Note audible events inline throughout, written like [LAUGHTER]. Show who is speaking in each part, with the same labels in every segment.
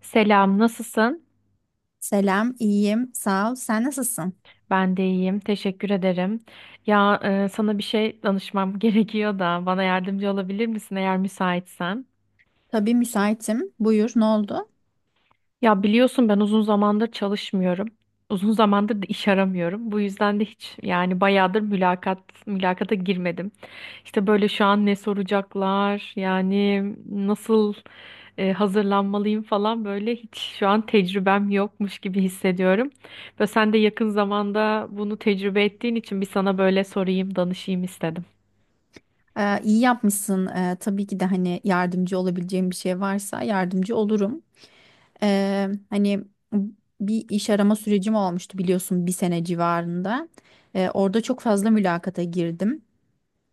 Speaker 1: Selam, nasılsın?
Speaker 2: Selam, iyiyim, sağ ol. Sen nasılsın?
Speaker 1: Ben de iyiyim, teşekkür ederim. Sana bir şey danışmam [LAUGHS] gerekiyor da bana yardımcı olabilir misin eğer müsaitsen?
Speaker 2: Tabii müsaitim. Buyur, ne oldu?
Speaker 1: Ya biliyorsun ben uzun zamandır çalışmıyorum. Uzun zamandır da iş aramıyorum. Bu yüzden de hiç yani bayağıdır mülakata girmedim. İşte böyle şu an ne soracaklar, yani nasıl hazırlanmalıyım falan böyle hiç şu an tecrübem yokmuş gibi hissediyorum. Ve sen de yakın zamanda bunu tecrübe ettiğin için bir sana böyle sorayım, danışayım istedim.
Speaker 2: İyi yapmışsın. Tabii ki de hani yardımcı olabileceğim bir şey varsa yardımcı olurum. Hani bir iş arama sürecim olmuştu biliyorsun bir sene civarında. Orada çok fazla mülakata girdim.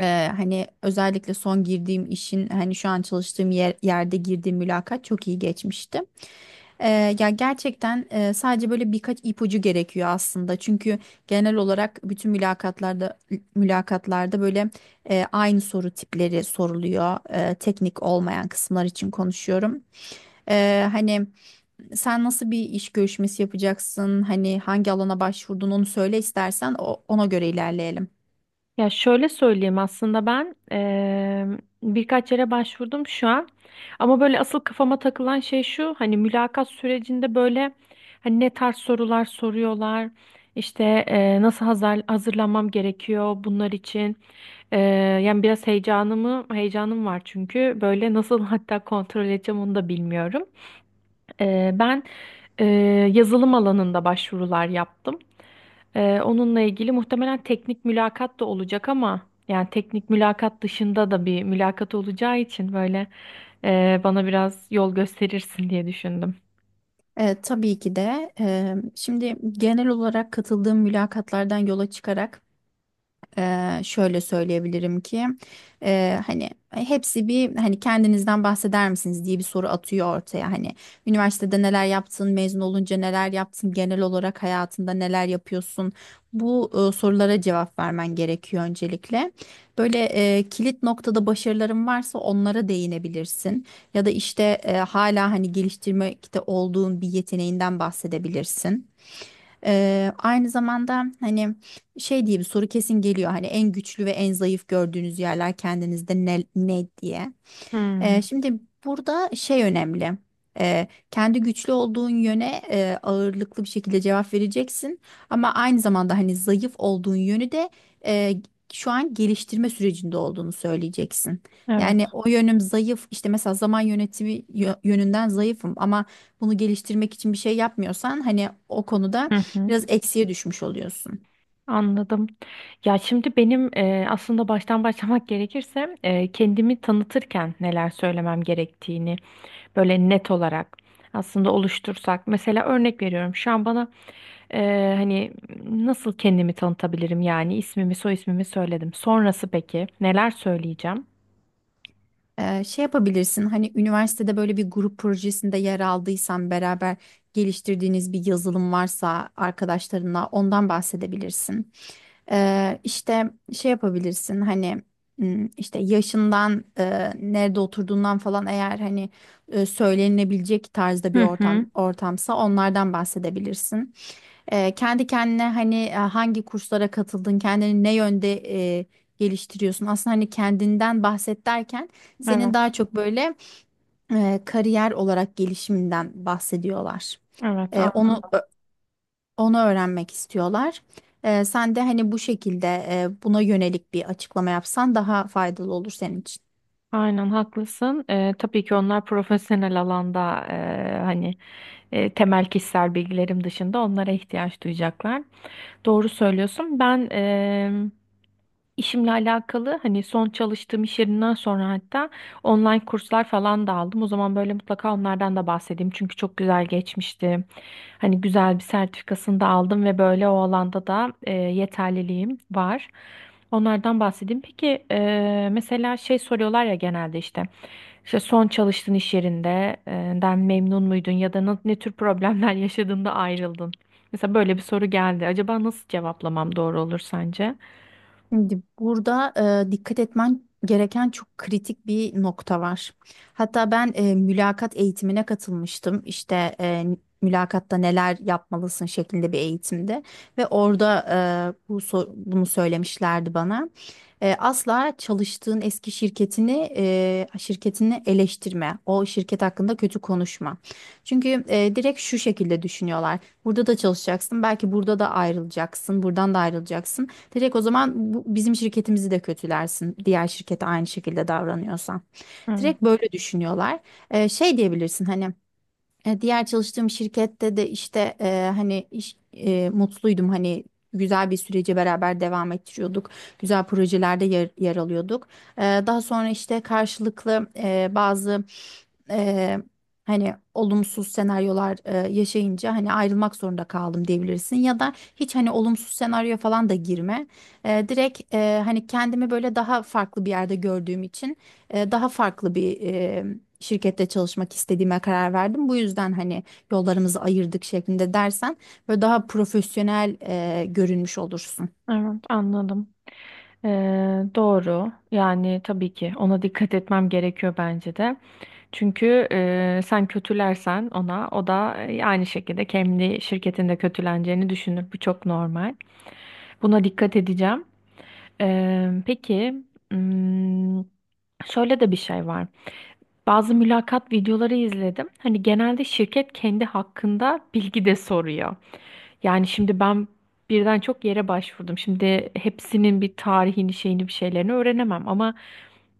Speaker 2: Hani özellikle son girdiğim işin hani şu an çalıştığım yerde girdiğim mülakat çok iyi geçmişti. Ya gerçekten sadece böyle birkaç ipucu gerekiyor aslında. Çünkü genel olarak bütün mülakatlarda böyle aynı soru tipleri soruluyor. E, teknik olmayan kısımlar için konuşuyorum. Hani sen nasıl bir iş görüşmesi yapacaksın? Hani hangi alana başvurdun onu söyle istersen ona göre ilerleyelim.
Speaker 1: Ya şöyle söyleyeyim aslında ben birkaç yere başvurdum şu an ama böyle asıl kafama takılan şey şu, hani mülakat sürecinde böyle hani ne tarz sorular soruyorlar, nasıl hazırlanmam gerekiyor bunlar için. Eee, Yani biraz heyecanım var çünkü böyle nasıl [LAUGHS] hatta kontrol edeceğim onu da bilmiyorum. Ben eee, Yazılım alanında başvurular yaptım. Onunla ilgili muhtemelen teknik mülakat da olacak ama yani teknik mülakat dışında da bir mülakat olacağı için böyle bana biraz yol gösterirsin diye düşündüm.
Speaker 2: E, tabii ki de. Şimdi genel olarak katıldığım mülakatlardan yola çıkarak şöyle söyleyebilirim ki hani hepsi bir hani kendinizden bahseder misiniz diye bir soru atıyor ortaya, hani üniversitede neler yaptın, mezun olunca neler yaptın, genel olarak hayatında neler yapıyorsun, bu sorulara cevap vermen gerekiyor öncelikle. Böyle kilit noktada başarıların varsa onlara değinebilirsin, ya da işte hala hani geliştirmekte olduğun bir yeteneğinden bahsedebilirsin. Aynı zamanda hani şey diye bir soru kesin geliyor. Hani en güçlü ve en zayıf gördüğünüz yerler kendinizde ne, ne diye.
Speaker 1: Hmm,
Speaker 2: Şimdi burada şey önemli. Kendi güçlü olduğun yöne ağırlıklı bir şekilde cevap vereceksin. Ama aynı zamanda hani zayıf olduğun yönü de e, şu an geliştirme sürecinde olduğunu söyleyeceksin.
Speaker 1: evet.
Speaker 2: Yani o yönüm zayıf işte mesela zaman yönetimi yönünden zayıfım, ama bunu geliştirmek için bir şey yapmıyorsan hani o konuda
Speaker 1: Hı hı.
Speaker 2: biraz eksiye düşmüş oluyorsun.
Speaker 1: Anladım. Ya şimdi aslında baştan başlamak gerekirse kendimi tanıtırken neler söylemem gerektiğini böyle net olarak aslında oluştursak. Mesela örnek veriyorum şu an bana hani nasıl kendimi tanıtabilirim, yani ismimi soy ismimi söyledim. Sonrası peki neler söyleyeceğim?
Speaker 2: Şey yapabilirsin hani üniversitede böyle bir grup projesinde yer aldıysan beraber geliştirdiğiniz bir yazılım varsa arkadaşlarınla ondan bahsedebilirsin. İşte şey yapabilirsin hani işte yaşından, nerede oturduğundan falan, eğer hani söylenebilecek tarzda bir
Speaker 1: Hı hı.
Speaker 2: ortamsa onlardan bahsedebilirsin. E, kendi kendine hani hangi kurslara katıldın, kendini ne yönde e, geliştiriyorsun? Aslında hani kendinden bahset derken senin daha
Speaker 1: Evet.
Speaker 2: çok böyle kariyer olarak gelişiminden bahsediyorlar.
Speaker 1: Evet,
Speaker 2: E, onu ö- Onu öğrenmek istiyorlar. E, sen de hani bu şekilde buna yönelik bir açıklama yapsan daha faydalı olur senin için.
Speaker 1: aynen haklısın. Tabii ki onlar profesyonel alanda, hani temel kişisel bilgilerim dışında onlara ihtiyaç duyacaklar. Doğru söylüyorsun. İşimle alakalı hani son çalıştığım iş yerinden sonra hatta online kurslar falan da aldım. O zaman böyle mutlaka onlardan da bahsedeyim. Çünkü çok güzel geçmişti. Hani güzel bir sertifikasını da aldım ve böyle o alanda da yeterliliğim var. Onlardan bahsedeyim. Peki mesela şey soruyorlar ya genelde işte son çalıştığın iş yerinde den memnun muydun ya da ne tür problemler [LAUGHS] yaşadığında ayrıldın? Mesela böyle bir soru geldi. Acaba nasıl cevaplamam doğru olur sence?
Speaker 2: Şimdi burada dikkat etmen gereken çok kritik bir nokta var. Hatta ben mülakat eğitimine katılmıştım. İşte mülakatta neler yapmalısın şeklinde bir eğitimde, ve orada bunu söylemişlerdi bana. E, asla çalıştığın eski şirketini eleştirme. O şirket hakkında kötü konuşma. Çünkü direkt şu şekilde düşünüyorlar. Burada da çalışacaksın, belki burada da ayrılacaksın, buradan da ayrılacaksın. Direkt o zaman bu, bizim şirketimizi de kötülersin. Diğer şirkete aynı şekilde davranıyorsan.
Speaker 1: Hı,
Speaker 2: Direkt böyle düşünüyorlar. Şey diyebilirsin hani. E, diğer çalıştığım şirkette de işte mutluydum, hani güzel bir süreci beraber devam ettiriyorduk. Güzel projelerde yer alıyorduk. E, daha sonra işte karşılıklı bazı e, hani olumsuz senaryolar yaşayınca hani ayrılmak zorunda kaldım diyebilirsin. Ya da hiç hani olumsuz senaryo falan da girme. Hani kendimi böyle daha farklı bir yerde gördüğüm için daha farklı bir şirkette çalışmak istediğime karar verdim. Bu yüzden hani yollarımızı ayırdık şeklinde dersen böyle daha profesyonel görünmüş olursun.
Speaker 1: Evet, anladım. Doğru. Yani tabii ki ona dikkat etmem gerekiyor bence de. Çünkü sen kötülersen ona, o da aynı şekilde kendi şirketinde kötüleneceğini düşünür. Bu çok normal. Buna dikkat edeceğim. Ee, peki, hmm, Şöyle de bir şey var. Bazı mülakat videoları izledim. Hani genelde şirket kendi hakkında bilgi de soruyor. Yani şimdi ben birden çok yere başvurdum. Şimdi hepsinin bir tarihini, şeyini, bir şeylerini öğrenemem ama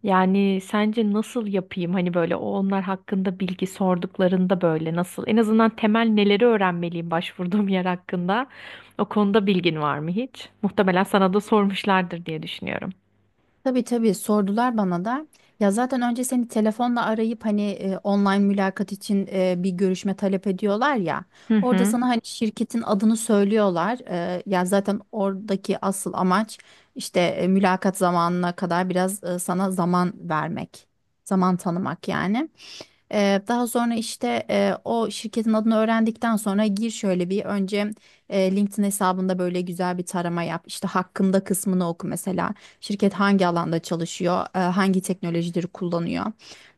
Speaker 1: yani sence nasıl yapayım? Hani böyle onlar hakkında bilgi sorduklarında böyle nasıl? En azından temel neleri öğrenmeliyim başvurduğum yer hakkında? O konuda bilgin var mı hiç? Muhtemelen sana da sormuşlardır diye düşünüyorum.
Speaker 2: Tabii tabii, sordular bana da. Ya zaten önce seni telefonla arayıp hani online mülakat için bir görüşme talep ediyorlar ya.
Speaker 1: Hı
Speaker 2: Orada
Speaker 1: hı.
Speaker 2: sana hani şirketin adını söylüyorlar. E, ya zaten oradaki asıl amaç işte mülakat zamanına kadar biraz sana zaman vermek, zaman tanımak yani. Daha sonra işte o şirketin adını öğrendikten sonra gir, şöyle bir önce LinkedIn hesabında böyle güzel bir tarama yap. İşte hakkında kısmını oku mesela. Şirket hangi alanda çalışıyor, hangi teknolojileri kullanıyor.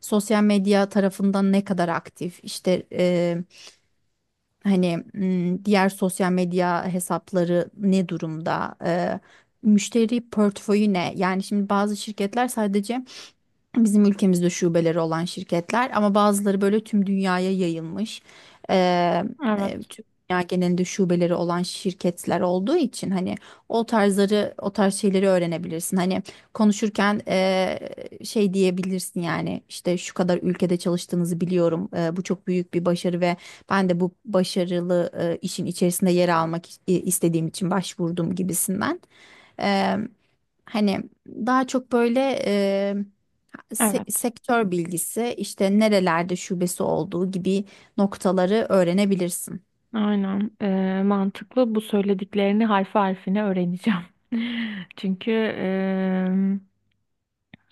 Speaker 2: Sosyal medya tarafından ne kadar aktif, işte diğer sosyal medya hesapları ne durumda, müşteri portföyü ne? Yani şimdi bazı şirketler sadece bizim ülkemizde şubeleri olan şirketler ama bazıları böyle tüm dünyaya yayılmış. Ee,
Speaker 1: Evet,
Speaker 2: Tüm dünya genelinde şubeleri olan şirketler olduğu için hani o tarzları, o tarz şeyleri öğrenebilirsin. Hani konuşurken şey diyebilirsin yani, işte şu kadar ülkede çalıştığınızı biliyorum. E, bu çok büyük bir başarı ve ben de bu başarılı işin içerisinde yer almak istediğim için başvurdum gibisinden. Ee, Hani daha çok böyle
Speaker 1: evet.
Speaker 2: sektör bilgisi, işte nerelerde şubesi olduğu gibi noktaları öğrenebilirsin.
Speaker 1: Aynen. Mantıklı. Bu söylediklerini harfi harfine öğreneceğim. [LAUGHS] Çünkü em,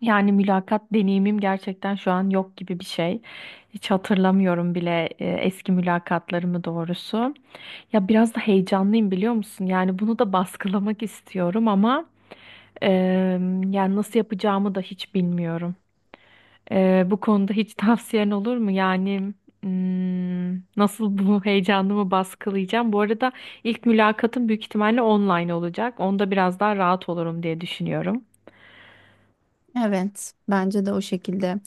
Speaker 1: Yani mülakat deneyimim gerçekten şu an yok gibi bir şey. Hiç hatırlamıyorum bile eski mülakatlarımı doğrusu. Ya biraz da heyecanlıyım biliyor musun? Yani bunu da baskılamak istiyorum ama yani nasıl yapacağımı da hiç bilmiyorum. Bu konuda hiç [LAUGHS] tavsiyen olur mu? Yani nasıl bu heyecanımı baskılayacağım? Bu arada ilk mülakatım büyük ihtimalle online olacak. Onda biraz daha rahat olurum diye düşünüyorum.
Speaker 2: Evet, bence de o şekilde.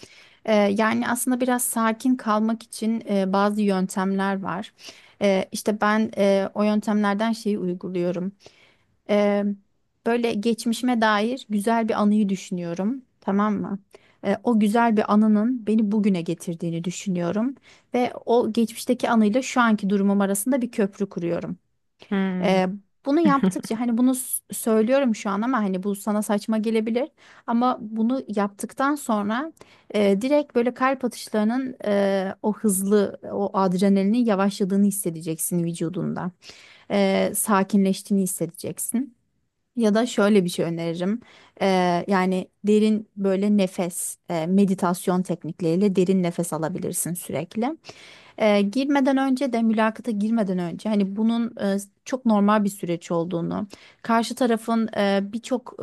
Speaker 2: Yani aslında biraz sakin kalmak için bazı yöntemler var. İşte ben o yöntemlerden şeyi uyguluyorum. Ee, Böyle geçmişime dair güzel bir anıyı düşünüyorum, tamam mı? O güzel bir anının beni bugüne getirdiğini düşünüyorum ve o geçmişteki anıyla şu anki durumum arasında bir köprü kuruyorum.
Speaker 1: Hmm.
Speaker 2: Ee, Bunu
Speaker 1: [LAUGHS]
Speaker 2: yaptıkça hani söylüyorum şu an, ama hani bu sana saçma gelebilir, ama bunu yaptıktan sonra direkt böyle kalp atışlarının, o hızlı o adrenalinin yavaşladığını hissedeceksin vücudunda. Sakinleştiğini hissedeceksin. Ya da şöyle bir şey öneririm. Yani derin böyle nefes, meditasyon teknikleriyle derin nefes alabilirsin sürekli. E, girmeden önce de, mülakata girmeden önce hani bunun çok normal bir süreç olduğunu, karşı tarafın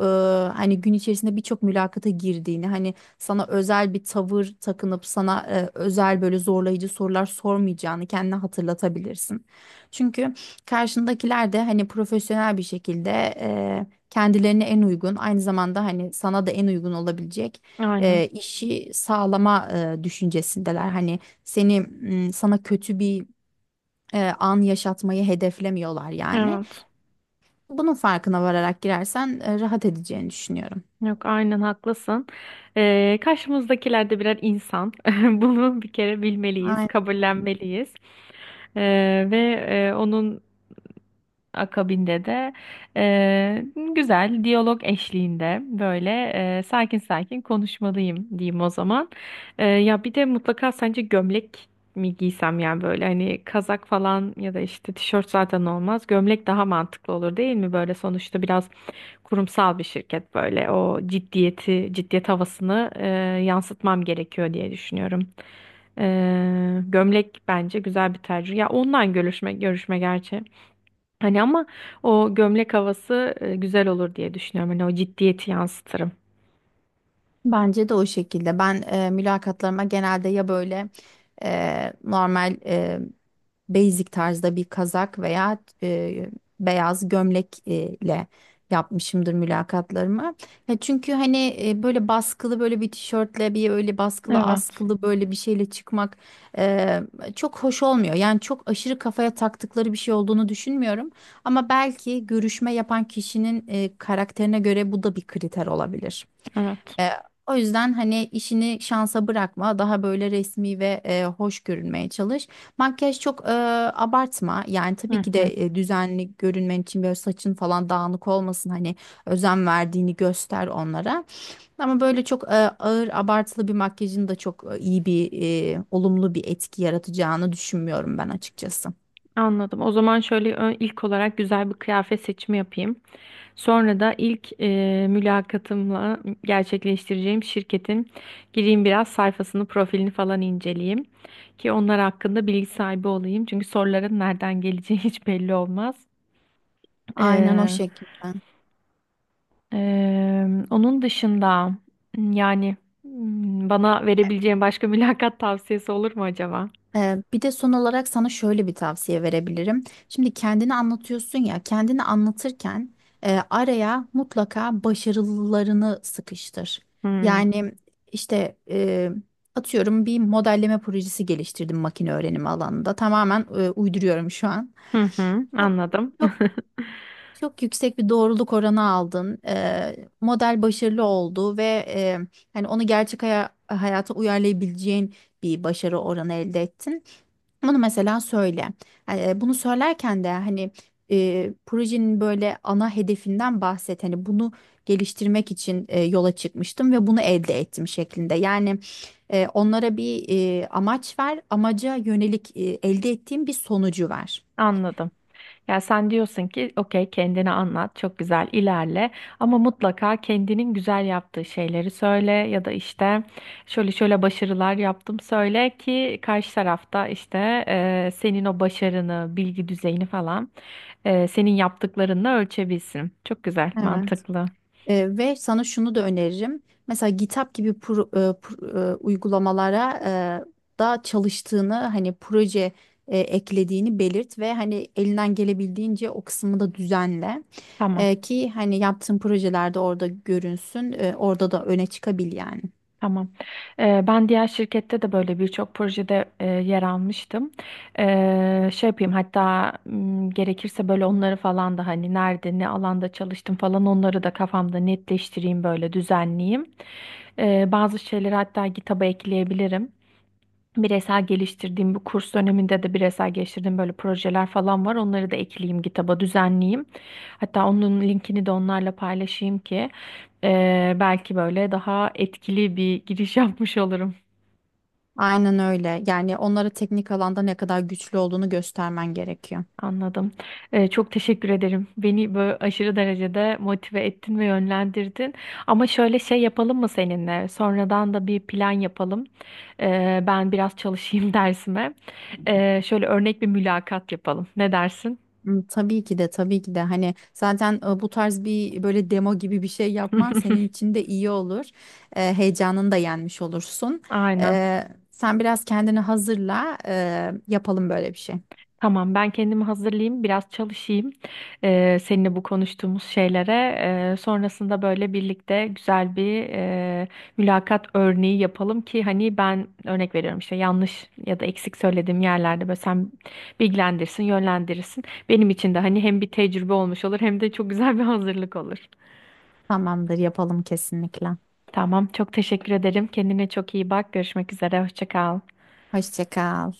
Speaker 2: hani gün içerisinde birçok mülakata girdiğini, hani sana özel bir tavır takınıp sana özel böyle zorlayıcı sorular sormayacağını kendine hatırlatabilirsin. Çünkü karşındakiler de hani profesyonel bir şekilde kendilerine en uygun, aynı zamanda hani sana da en uygun olabilecek
Speaker 1: Aynen.
Speaker 2: işi sağlama düşüncesindeler. Hani sana kötü bir an yaşatmayı hedeflemiyorlar yani.
Speaker 1: Evet.
Speaker 2: Bunun farkına vararak girersen rahat edeceğini düşünüyorum.
Speaker 1: Yok, aynen haklısın. Karşımızdakiler de birer insan. [LAUGHS] Bunu bir kere bilmeliyiz,
Speaker 2: Aynen.
Speaker 1: kabullenmeliyiz. Ve e, onun Akabinde de eee, güzel diyalog eşliğinde böyle sakin sakin konuşmalıyım diyeyim o zaman. Ya bir de mutlaka sence gömlek mi giysem, yani böyle hani kazak falan ya da işte tişört zaten olmaz. Gömlek daha mantıklı olur değil mi? Böyle sonuçta biraz kurumsal bir şirket, böyle o ciddiyeti, ciddiyet havasını yansıtmam gerekiyor diye düşünüyorum. Gömlek bence güzel bir tercih. Ya online görüşme gerçi. Hani ama o gömlek havası güzel olur diye düşünüyorum. Hani o ciddiyeti yansıtırım.
Speaker 2: Bence de o şekilde. Ben mülakatlarıma genelde ya böyle e, normal e, basic tarzda bir kazak veya beyaz gömlek ile yapmışımdır mülakatlarımı. Ya çünkü hani böyle baskılı böyle bir tişörtle bir öyle baskılı
Speaker 1: Evet,
Speaker 2: askılı böyle bir şeyle çıkmak e, çok hoş olmuyor. Yani çok aşırı kafaya taktıkları bir şey olduğunu düşünmüyorum. Ama belki görüşme yapan kişinin karakterine göre bu da bir kriter olabilir.
Speaker 1: evet.
Speaker 2: E, O yüzden hani işini şansa bırakma. Daha böyle resmi ve hoş görünmeye çalış. Makyaj çok abartma. Yani tabii
Speaker 1: Hı
Speaker 2: ki
Speaker 1: hı.
Speaker 2: de düzenli görünmen için böyle saçın falan dağınık olmasın. Hani özen verdiğini göster onlara. Ama böyle çok ağır abartılı bir makyajın da çok olumlu bir etki yaratacağını düşünmüyorum ben açıkçası.
Speaker 1: Anladım. O zaman şöyle, ilk olarak güzel bir kıyafet seçimi yapayım. Sonra da ilk mülakatımla gerçekleştireceğim şirketin gireyim biraz sayfasını, profilini falan inceleyeyim ki onlar hakkında bilgi sahibi olayım. Çünkü soruların nereden geleceği [LAUGHS] hiç belli olmaz.
Speaker 2: Aynen o şekilde.
Speaker 1: Onun dışında yani bana verebileceğin başka [LAUGHS] mülakat tavsiyesi olur mu acaba?
Speaker 2: Bir de son olarak sana şöyle bir tavsiye verebilirim. Şimdi kendini anlatıyorsun ya, kendini anlatırken araya mutlaka başarılarını sıkıştır.
Speaker 1: Hmm.
Speaker 2: Yani işte atıyorum bir modelleme projesi geliştirdim makine öğrenimi alanında. Tamamen uyduruyorum şu an.
Speaker 1: Hı hı,
Speaker 2: Çok
Speaker 1: anladım.
Speaker 2: çok çok yüksek bir doğruluk oranı aldın. Model başarılı oldu ve e, hani onu gerçek hayata uyarlayabileceğin bir başarı oranı elde ettin. Bunu mesela söyle. Hani bunu söylerken de hani projenin böyle ana hedefinden bahset. Hani bunu geliştirmek için yola çıkmıştım ve bunu elde ettim şeklinde. Yani onlara bir amaç ver, amaca yönelik elde ettiğim bir sonucu ver.
Speaker 1: [LAUGHS] Anladım. Ya sen diyorsun ki okey, kendini anlat, çok güzel ilerle ama mutlaka kendinin güzel yaptığı şeyleri söyle ya da işte şöyle şöyle başarılar yaptım söyle ki karşı tarafta işte senin o başarını, bilgi düzeyini falan senin yaptıklarınla ölçebilsin. Çok güzel,
Speaker 2: Evet.
Speaker 1: mantıklı.
Speaker 2: E, ve sana şunu da öneririm. Mesela GitHub gibi uygulamalara da çalıştığını, hani proje eklediğini belirt ve hani elinden gelebildiğince o kısmı da düzenle.
Speaker 1: Tamam,
Speaker 2: E, ki hani yaptığın projelerde orada görünsün, orada da öne çıkabil yani.
Speaker 1: tamam. Ben diğer şirkette de böyle birçok projede yer almıştım. Şey yapayım hatta, gerekirse böyle onları falan da hani nerede ne alanda çalıştım falan onları da kafamda netleştireyim, böyle düzenleyeyim. Bazı şeyleri hatta GitHub'a ekleyebilirim. Bireysel geliştirdiğim bu kurs döneminde de bireysel geliştirdiğim böyle projeler falan var. Onları da ekleyeyim, kitaba düzenleyeyim. Hatta onun linkini de onlarla paylaşayım ki belki böyle daha etkili bir giriş [LAUGHS] yapmış olurum.
Speaker 2: Aynen öyle. Yani onlara teknik alanda ne kadar güçlü olduğunu göstermen gerekiyor.
Speaker 1: Anladım. Çok teşekkür ederim. Beni böyle aşırı derecede motive ettin ve yönlendirdin. Ama şöyle şey yapalım mı seninle? Sonradan da bir plan yapalım. Ben biraz çalışayım [LAUGHS] dersime. Şöyle örnek bir mülakat yapalım. Ne dersin?
Speaker 2: Hmm, tabii ki de, tabii ki de, hani zaten bu tarz bir böyle demo gibi bir şey yapman senin
Speaker 1: [LAUGHS]
Speaker 2: için de iyi olur. Heyecanını da yenmiş olursun.
Speaker 1: Aynen.
Speaker 2: Sen biraz kendini hazırla, yapalım böyle bir şey.
Speaker 1: Tamam, ben kendimi hazırlayayım, biraz çalışayım. Seninle bu konuştuğumuz şeylere sonrasında böyle birlikte güzel bir mülakat örneği yapalım ki hani ben örnek veriyorum, işte yanlış ya da eksik söylediğim yerlerde böyle sen bilgilendirsin, yönlendirirsin. Benim için de hani hem bir tecrübe olmuş olur hem de çok güzel bir hazırlık olur.
Speaker 2: Tamamdır, yapalım kesinlikle.
Speaker 1: Tamam, çok teşekkür ederim. Kendine çok iyi bak. Görüşmek üzere. Hoşça kal.
Speaker 2: Hoşça kal.